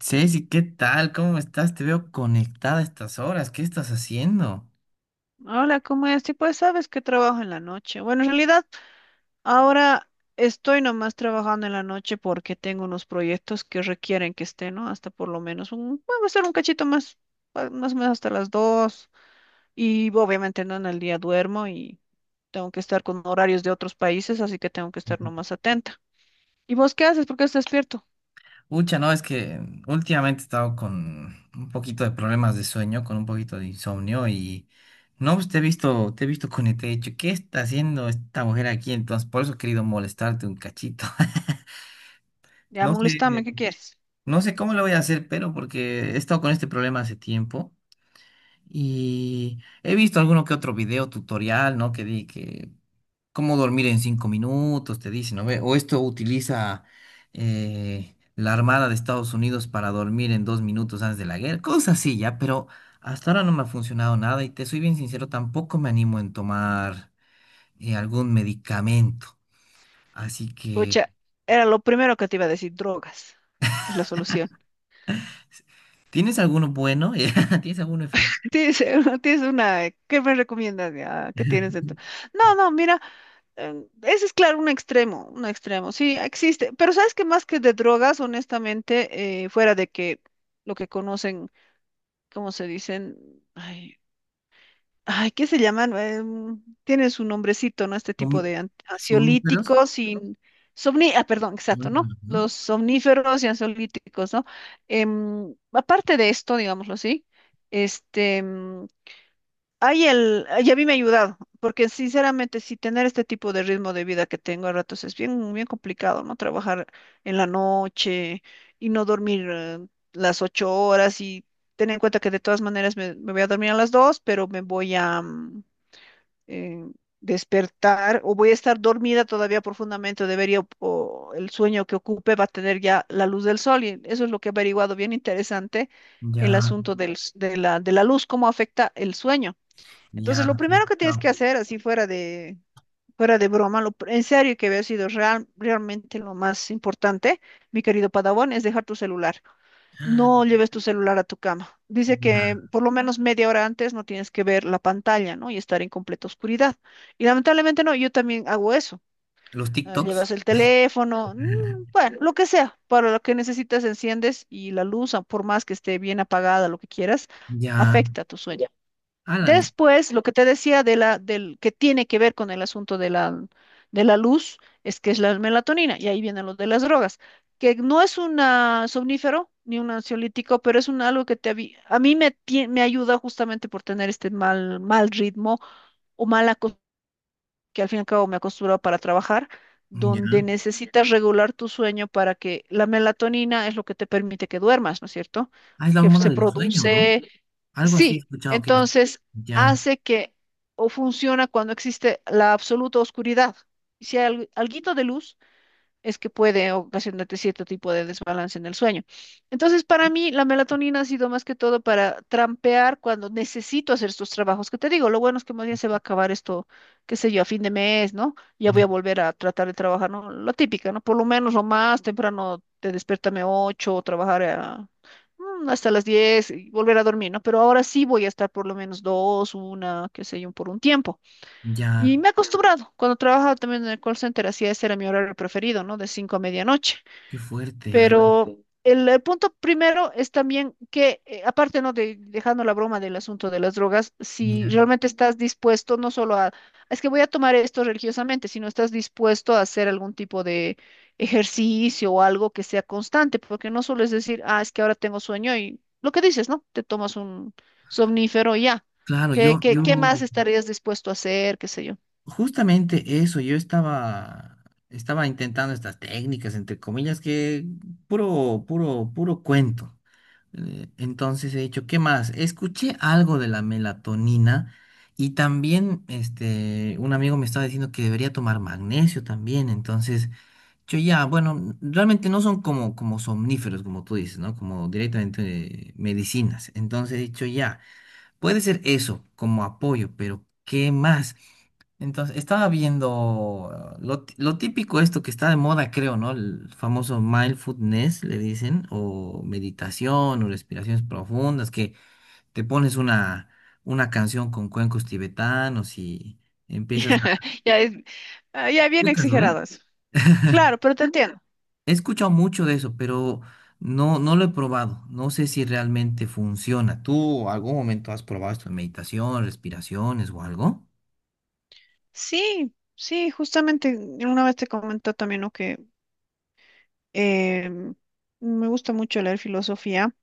Ceci, ¿qué tal? ¿Cómo estás? Te veo conectada a estas horas. ¿Qué estás haciendo? Hola, ¿cómo es? Sí, pues sabes que trabajo en la noche. Bueno, en realidad ahora estoy nomás trabajando en la noche porque tengo unos proyectos que requieren que esté, ¿no? Hasta por lo menos un, bueno, va a ser un cachito más, más o menos hasta las dos. Y obviamente no en el día duermo y tengo que estar con horarios de otros países, así que tengo que estar nomás atenta. ¿Y vos qué haces? ¿Por qué estás despierto? Ucha, no, es que últimamente he estado con un poquito de problemas de sueño, con un poquito de insomnio y no, pues te he visto conectada. Y He dicho, ¿qué está haciendo esta mujer aquí? Entonces, por eso he querido molestarte un cachito. Ya No sé, molestame, ¿qué quieres? no sé cómo lo voy a hacer, pero porque he estado con este problema hace tiempo y he visto alguno que otro video tutorial, ¿no? Que di que cómo dormir en 5 minutos, te dicen, ¿no ve? O esto utiliza la Armada de Estados Unidos para dormir en 2 minutos antes de la guerra, cosas así, ya, pero hasta ahora no me ha funcionado nada y te soy bien sincero, tampoco me animo en tomar algún medicamento. Así que, Pucha, era lo primero que te iba a decir, drogas. Es la solución. ¿tienes alguno bueno? ¿Tienes alguno efectivo? Tienes, tienes una, ¿qué me recomiendas? ¿Ya? ¿Qué tienes dentro? No, no, mira, ese es claro, un extremo, sí, existe, pero sabes que más que de drogas, honestamente, fuera de que lo que conocen, ¿cómo se dicen? Ay, ay, ¿qué se llaman? Tienen su nombrecito, ¿no? Este tipo Son- de Somníferos, ansiolíticos y ah, perdón, exacto, ¿no? Los ¿no? somníferos y ansiolíticos, ¿no? Aparte de esto, digámoslo así, este... em, Ay, ay, a mí me ha ayudado, porque sinceramente, si tener este tipo de ritmo de vida que tengo a ratos es bien, bien complicado, ¿no? Trabajar en la noche y no dormir las 8 horas y tener en cuenta que de todas maneras me voy a dormir a las dos, pero me voy a eh, despertar o voy a estar dormida todavía profundamente, o debería, o el sueño que ocupe va a tener ya la luz del sol y eso es lo que he averiguado, bien interesante, el Ya, asunto del s- de la luz, cómo afecta el sueño. ya, Entonces, lo sí, he primero que tienes que escuchado. hacer, así fuera de broma, en serio que había sido realmente lo más importante, mi querido Padawan, es dejar tu celular. No lleves tu celular a tu cama. Dice que Ya. por lo menos media hora antes no tienes que ver la pantalla, ¿no? Y estar en completa oscuridad. Y lamentablemente no, yo también hago eso. Los Ah, TikToks. llevas el teléfono, bueno, lo que sea, para lo que necesitas enciendes y la luz, ah, por más que esté bien apagada, lo que quieras, Ya. afecta tu sueño. Ah, Después, lo que te decía de la, del que tiene que ver con el asunto de la luz, es que es la melatonina, y ahí viene lo de las drogas, que no es un somnífero ni un ansiolítico, pero es un algo que a mí me ayuda justamente por tener este mal, mal ritmo o mala costumbre, que al fin y al cabo me acostumbro para trabajar, Ya. donde necesitas regular tu sueño para que la melatonina es lo que te permite que duermas, ¿no es cierto? Ah, es la Que hormona se del sueño, ¿no? produce. Algo así he Sí, escuchado que es. entonces Ya, hace que o funciona cuando existe la absoluta oscuridad. Si hay algo, alguito de luz, es que puede ocasionarte cierto tipo de desbalance en el sueño. Entonces, para mí, la melatonina ha sido más que todo para trampear cuando necesito hacer estos trabajos que te digo. Lo bueno es que más bien se va a acabar esto, qué sé yo, a fin de mes, ¿no? Ya mm, voy a volver a tratar de trabajar, ¿no? Lo típica, ¿no? Por lo menos lo más temprano te despertame 8 trabajar a, hasta las 10 y volver a dormir, ¿no? Pero ahora sí voy a estar por lo menos dos, una, qué sé yo, por un tiempo. ya, Y me he acostumbrado, cuando trabajaba también en el call center, hacía ese era mi horario preferido, ¿no? De 5 a medianoche. qué fuerte, ya. Pero el punto primero es también que, aparte, ¿no? De, dejando la broma del asunto de las drogas, si Ya. realmente estás dispuesto no solo a, es que voy a tomar esto religiosamente, sino estás dispuesto a hacer algún tipo de ejercicio o algo que sea constante, porque no solo es decir, ah, es que ahora tengo sueño y lo que dices, ¿no? Te tomas un somnífero y ya. Claro, ¿Qué, qué, qué más estarías dispuesto a hacer? ¿Qué sé yo? justamente eso, yo estaba intentando estas técnicas, entre comillas, que puro, puro, puro cuento. Entonces he dicho, ¿qué más? Escuché algo de la melatonina y también, este, un amigo me estaba diciendo que debería tomar magnesio también, entonces... Yo ya, bueno, realmente no son como, como somníferos, como tú dices, ¿no? Como directamente medicinas. Entonces he dicho ya, puede ser eso como apoyo, pero ¿qué más? Entonces estaba viendo lo típico esto que está de moda, creo, ¿no? El famoso mindfulness, le dicen, o meditación, o respiraciones profundas, que te pones una canción con cuencos tibetanos y empiezas Ya, a... ya es, ah, ya bien ubicas, ¿no, eh? exageradas. Claro, pero te entiendo. He escuchado mucho de eso, pero no, no lo he probado. No sé si realmente funciona. ¿Tú algún momento has probado esto de meditación, respiraciones o algo? Sí, sí, justamente una vez te comentó también, ¿no? Que eh, me gusta mucho leer filosofía.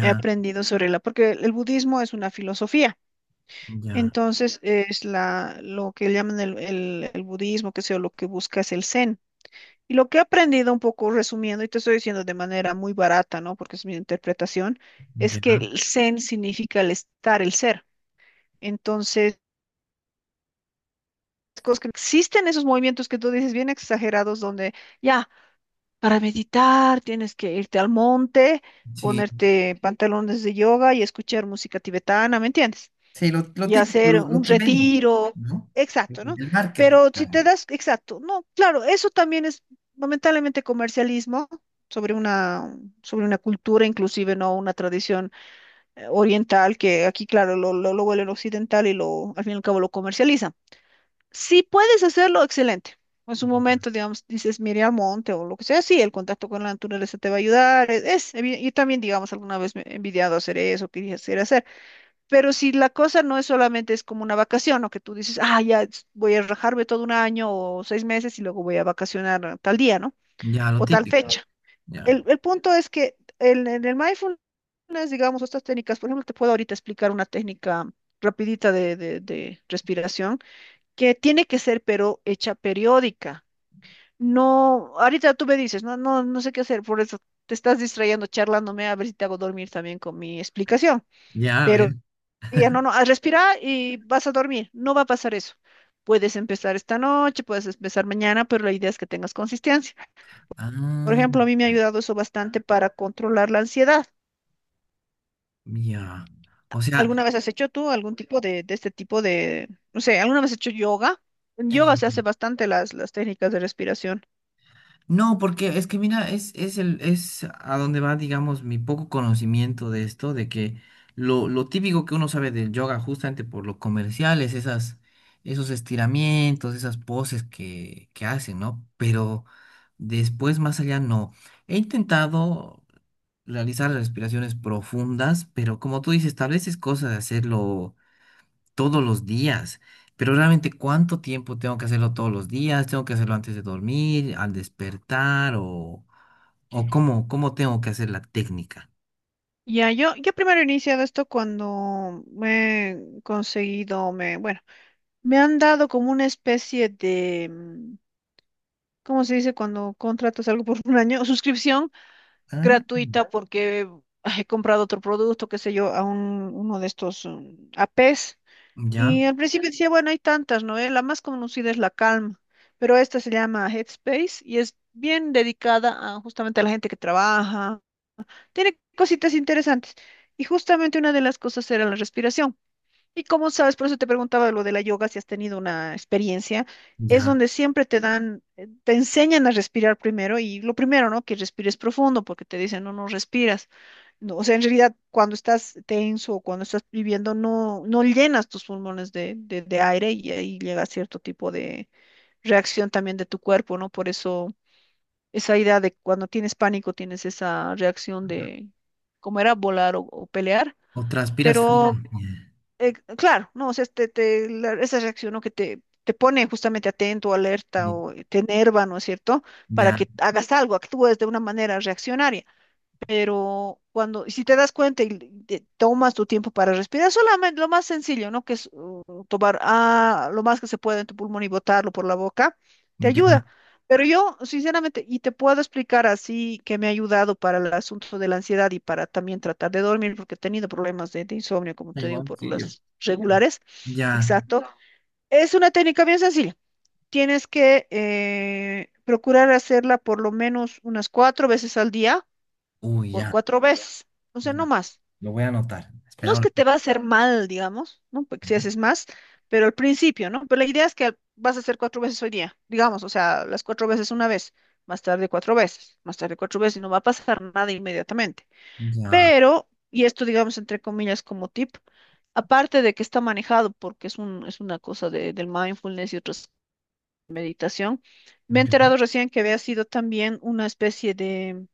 He aprendido sobre la, porque el budismo es una filosofía. ya, Entonces es la, lo que llaman el budismo, que sea, lo que busca es el zen. Y lo que he aprendido un poco resumiendo, y te estoy diciendo de manera muy barata, ¿no? Porque es mi interpretación, es que ya. el zen significa el estar, el ser. Entonces, cosas que existen esos movimientos que tú dices bien exagerados donde ya, para meditar tienes que irte al monte, Sí. ponerte pantalones de yoga y escuchar música tibetana, ¿me entiendes? Sí, lo Y típico, hacer lo un que venden, retiro, ¿no? exacto, ¿no? El marketing. Pero si Ya, te das, exacto, no, claro, eso también es lamentablemente comercialismo sobre una, sobre una cultura inclusive, ¿no? Una tradición oriental que aquí, claro, lo vuelven occidental y lo, al fin y al cabo lo comercializan. Si puedes hacerlo, excelente. En su momento, digamos, dices, mire al monte o lo que sea, sí, el contacto con la naturaleza te va a ayudar. Es yo también, digamos, alguna vez me he envidiado hacer eso, quería hacer, hacer. Pero si la cosa no es solamente es como una vacación o que tú dices, ah, ya voy a rajarme todo un año o 6 meses y luego voy a vacacionar a tal día, ¿no? ya, lo O tal Claro, típico. fecha. Ya. El punto es que en el mindfulness, digamos, estas técnicas, por ejemplo, te puedo ahorita explicar una técnica rapidita de de respiración que tiene que ser, pero hecha periódica. No, ahorita tú me dices, no, no, no sé qué hacer, por eso te estás distrayendo, charlándome, a ver si te hago dormir también con mi explicación. Ya, a Pero ver. ya no, no, a respirar y vas a dormir, no va a pasar eso. Puedes empezar esta noche, puedes empezar mañana, pero la idea es que tengas consistencia. Por Ah, ejemplo, a mí me ha ayudado eso bastante para controlar la ansiedad. ya. O sea, ¿Alguna vez has hecho tú algún tipo de este tipo de, no sé, alguna vez has hecho yoga? En yoga se hace eh, bastante las técnicas de respiración. no, porque es que mira, es es a donde va, digamos, mi poco conocimiento de esto, de que lo típico que uno sabe del yoga, justamente por lo comercial, es esas, esos estiramientos, esas poses que hacen, ¿no? Pero después, más allá, no. He intentado realizar respiraciones profundas, pero como tú dices, tal vez es cosa de hacerlo todos los días. Pero realmente, ¿cuánto tiempo tengo que hacerlo todos los días? ¿Tengo que hacerlo antes de dormir, al despertar o, o cómo tengo que hacer la técnica? Ya, yo primero he iniciado esto cuando me he conseguido, me, bueno, me han dado como una especie de, ¿cómo se dice cuando contratas algo por un año? Suscripción Ah, gratuita porque ah, he comprado otro producto, qué sé yo, a un, uno de estos APs. ya, Y al principio decía, bueno, hay tantas, ¿no? La más conocida es la Calm, pero esta se llama Headspace y es bien dedicada a, justamente a la gente que trabaja tiene cositas interesantes. Y justamente una de las cosas era la respiración. Y como sabes, por eso te preguntaba lo de la yoga, si has tenido una experiencia, es ya. donde siempre te dan, te enseñan a respirar primero y lo primero, ¿no? Que respires profundo porque te dicen, no, no respiras. No, o sea, en realidad, cuando estás tenso o cuando estás viviendo, no, no llenas tus pulmones de, de aire y ahí llega cierto tipo de reacción también de tu cuerpo, ¿no? Por eso esa idea de cuando tienes pánico, tienes esa reacción de, ¿cómo era? Volar o pelear. O transpiras frío. Pero, Ya, claro, no, o sea, esa reacción, ¿no? Que te pone justamente atento, alerta o te enerva, ¿no es cierto? Para ya, que hagas algo, actúes de una manera reaccionaria. Pero cuando, si te das cuenta y te tomas tu tiempo para respirar, solamente lo más sencillo, ¿no? Que es tomar ah, lo más que se puede en tu pulmón y botarlo por la boca, te ayuda. ya. Pero yo, sinceramente, y te puedo explicar así que me ha ayudado para el asunto de la ansiedad y para también tratar de dormir, porque he tenido problemas de insomnio, como da te digo, Igual por que yo. las regulares. Ya. Exacto. Ya. Es una técnica bien sencilla. Tienes que procurar hacerla por lo menos unas 4 veces al día Uy, por ya, 4 veces, o sea, no ya. más. Lo voy a anotar. No es Esperamos. que te va a hacer mal, digamos, ¿no? Porque si haces más, pero al principio, ¿no? Pero la idea es que vas a hacer 4 veces hoy día, digamos, o sea, las 4 veces una vez, más tarde 4 veces, más tarde 4 veces, y no va a pasar nada inmediatamente. Ya. Pero, y esto, digamos, entre comillas, como tip, aparte de que está manejado porque es una cosa del mindfulness y otras meditación, me he Ok. enterado recién que había sido también una especie de.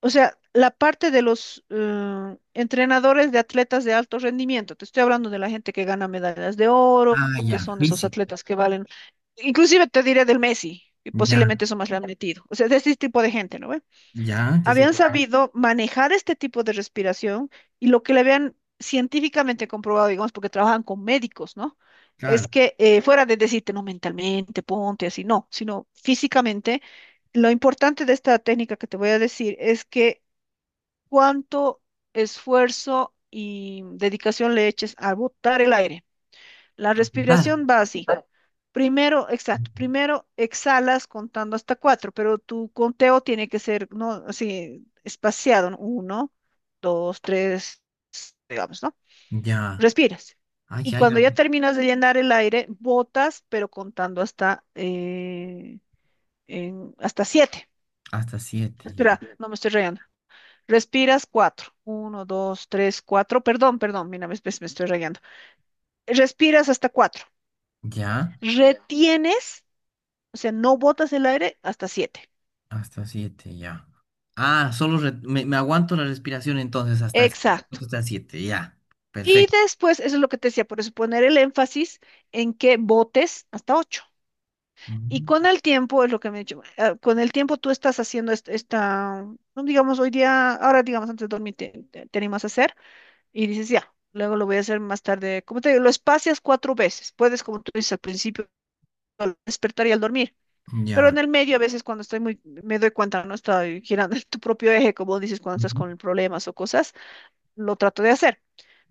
O sea, la parte de los entrenadores de atletas de alto rendimiento, te estoy hablando de la gente que gana medallas de oro, Ah, que ya. son esos Físico. atletas que valen, inclusive te diré del Messi, que Ya, posiblemente eso más le han metido, o sea, de ese tipo de gente, ¿no ve? ya. Entonces, Habían sabido manejar este tipo de respiración y lo que le habían científicamente comprobado, digamos, porque trabajan con médicos, ¿no? Es claro. que fuera de decirte, no mentalmente, ponte así, no, sino físicamente. Lo importante de esta técnica que te voy a decir es que cuánto esfuerzo y dedicación le eches a botar el aire. La Apuntar. respiración va así. Primero, exacto, primero exhalas contando hasta cuatro, pero tu conteo tiene que ser, ¿no? Así, espaciado, ¿no? Uno, dos, tres, digamos, ¿no? Ya. Respiras. Ay, Y cuando ya. ya terminas de llenar el aire, botas, pero contando hasta siete. Hasta siete, Espera, ya. no me estoy rayando. Respiras cuatro. Uno, dos, tres, cuatro. Perdón, perdón, mira, me estoy rayando. Respiras hasta cuatro. Ya, Retienes, o sea, no botas el aire hasta siete. hasta siete, ya. Ah, solo me aguanto la respiración entonces hasta el, Exacto. hasta el siete, ya. Y Perfecto. después, eso es lo que te decía, por eso poner el énfasis en que botes hasta ocho. Y Ujú. con el tiempo, es lo que me he dicho, con el tiempo tú estás haciendo esta, no digamos hoy día, ahora digamos antes de dormir te animas a hacer y dices ya, luego lo voy a hacer más tarde, como te digo, lo espacias cuatro veces, puedes como tú dices al principio al despertar y al dormir. Pero Ya. en el medio, a veces cuando estoy muy, me doy cuenta, no estoy girando en tu propio eje, como dices, cuando estás Ujú. con problemas o cosas, lo trato de hacer.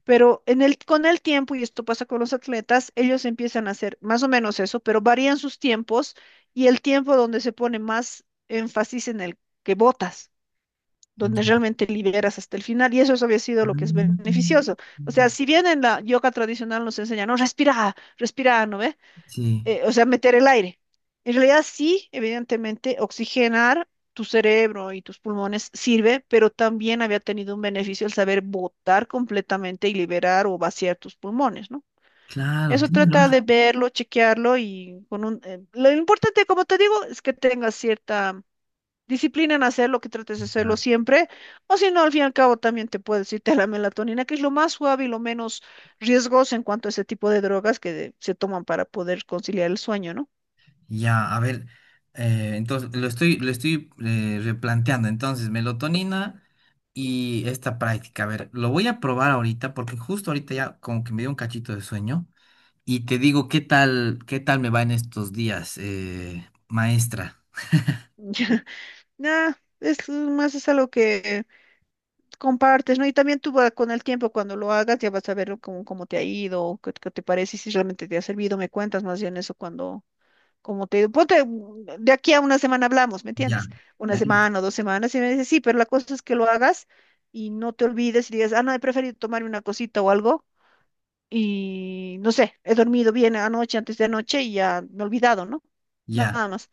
Pero con el tiempo, y esto pasa con los atletas, ellos empiezan a hacer más o menos eso, pero varían sus tiempos y el tiempo donde se pone más énfasis en el que botas, donde Ya. realmente liberas hasta el final, y eso había sido lo que es beneficioso. O Ah, sea, si bien en la yoga tradicional nos enseñan, no, respira, respira, ¿no ve? sí, O sea, meter el aire. En realidad sí, evidentemente, oxigenar tu cerebro y tus pulmones sirve, pero también había tenido un beneficio el saber botar completamente y liberar o vaciar tus pulmones, ¿no? claro, Eso tiene trata de verlo, chequearlo y con un... lo importante, como te digo, es que tengas cierta disciplina en hacerlo, que trates de hacerlo lógica. siempre, o si no, al fin y al cabo también te puedes irte a la melatonina, que es lo más suave y lo menos riesgoso en cuanto a ese tipo de drogas que se toman para poder conciliar el sueño, ¿no? Ya, a ver, entonces lo estoy replanteando. Entonces, melatonina y esta práctica. A ver, lo voy a probar ahorita porque justo ahorita ya como que me dio un cachito de sueño. Y te digo, qué tal me va en estos días, maestra? Ya, nah, es más es algo que compartes, ¿no? Y también con el tiempo, cuando lo hagas, ya vas a ver cómo, cómo te ha ido, qué te parece, y si realmente te ha servido, me cuentas más bien eso cuando, cómo te ha ido. Ponte, de aquí a una semana hablamos, ¿me Ya, entiendes? Una listo, semana o dos semanas, y me dices, sí, pero la cosa es que lo hagas y no te olvides y digas, ah, no, he preferido tomarme una cosita o algo. Y no sé, he dormido bien anoche, antes de anoche y ya me he olvidado, ¿no? ya. Nada más.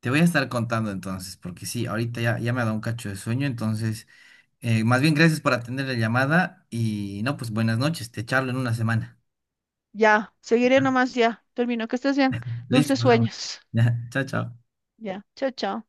Te voy a estar contando entonces, porque sí, ahorita ya, ya me ha dado un cacho de sueño, entonces, más bien gracias por atender la llamada y no, pues buenas noches, te charlo en una semana. Ya, seguiré ¿Ya? nomás, ya. Termino. Que estés bien. Listo, Dulces nos vemos. sueños. Ya, chao, chao. Ya. Chao, chao.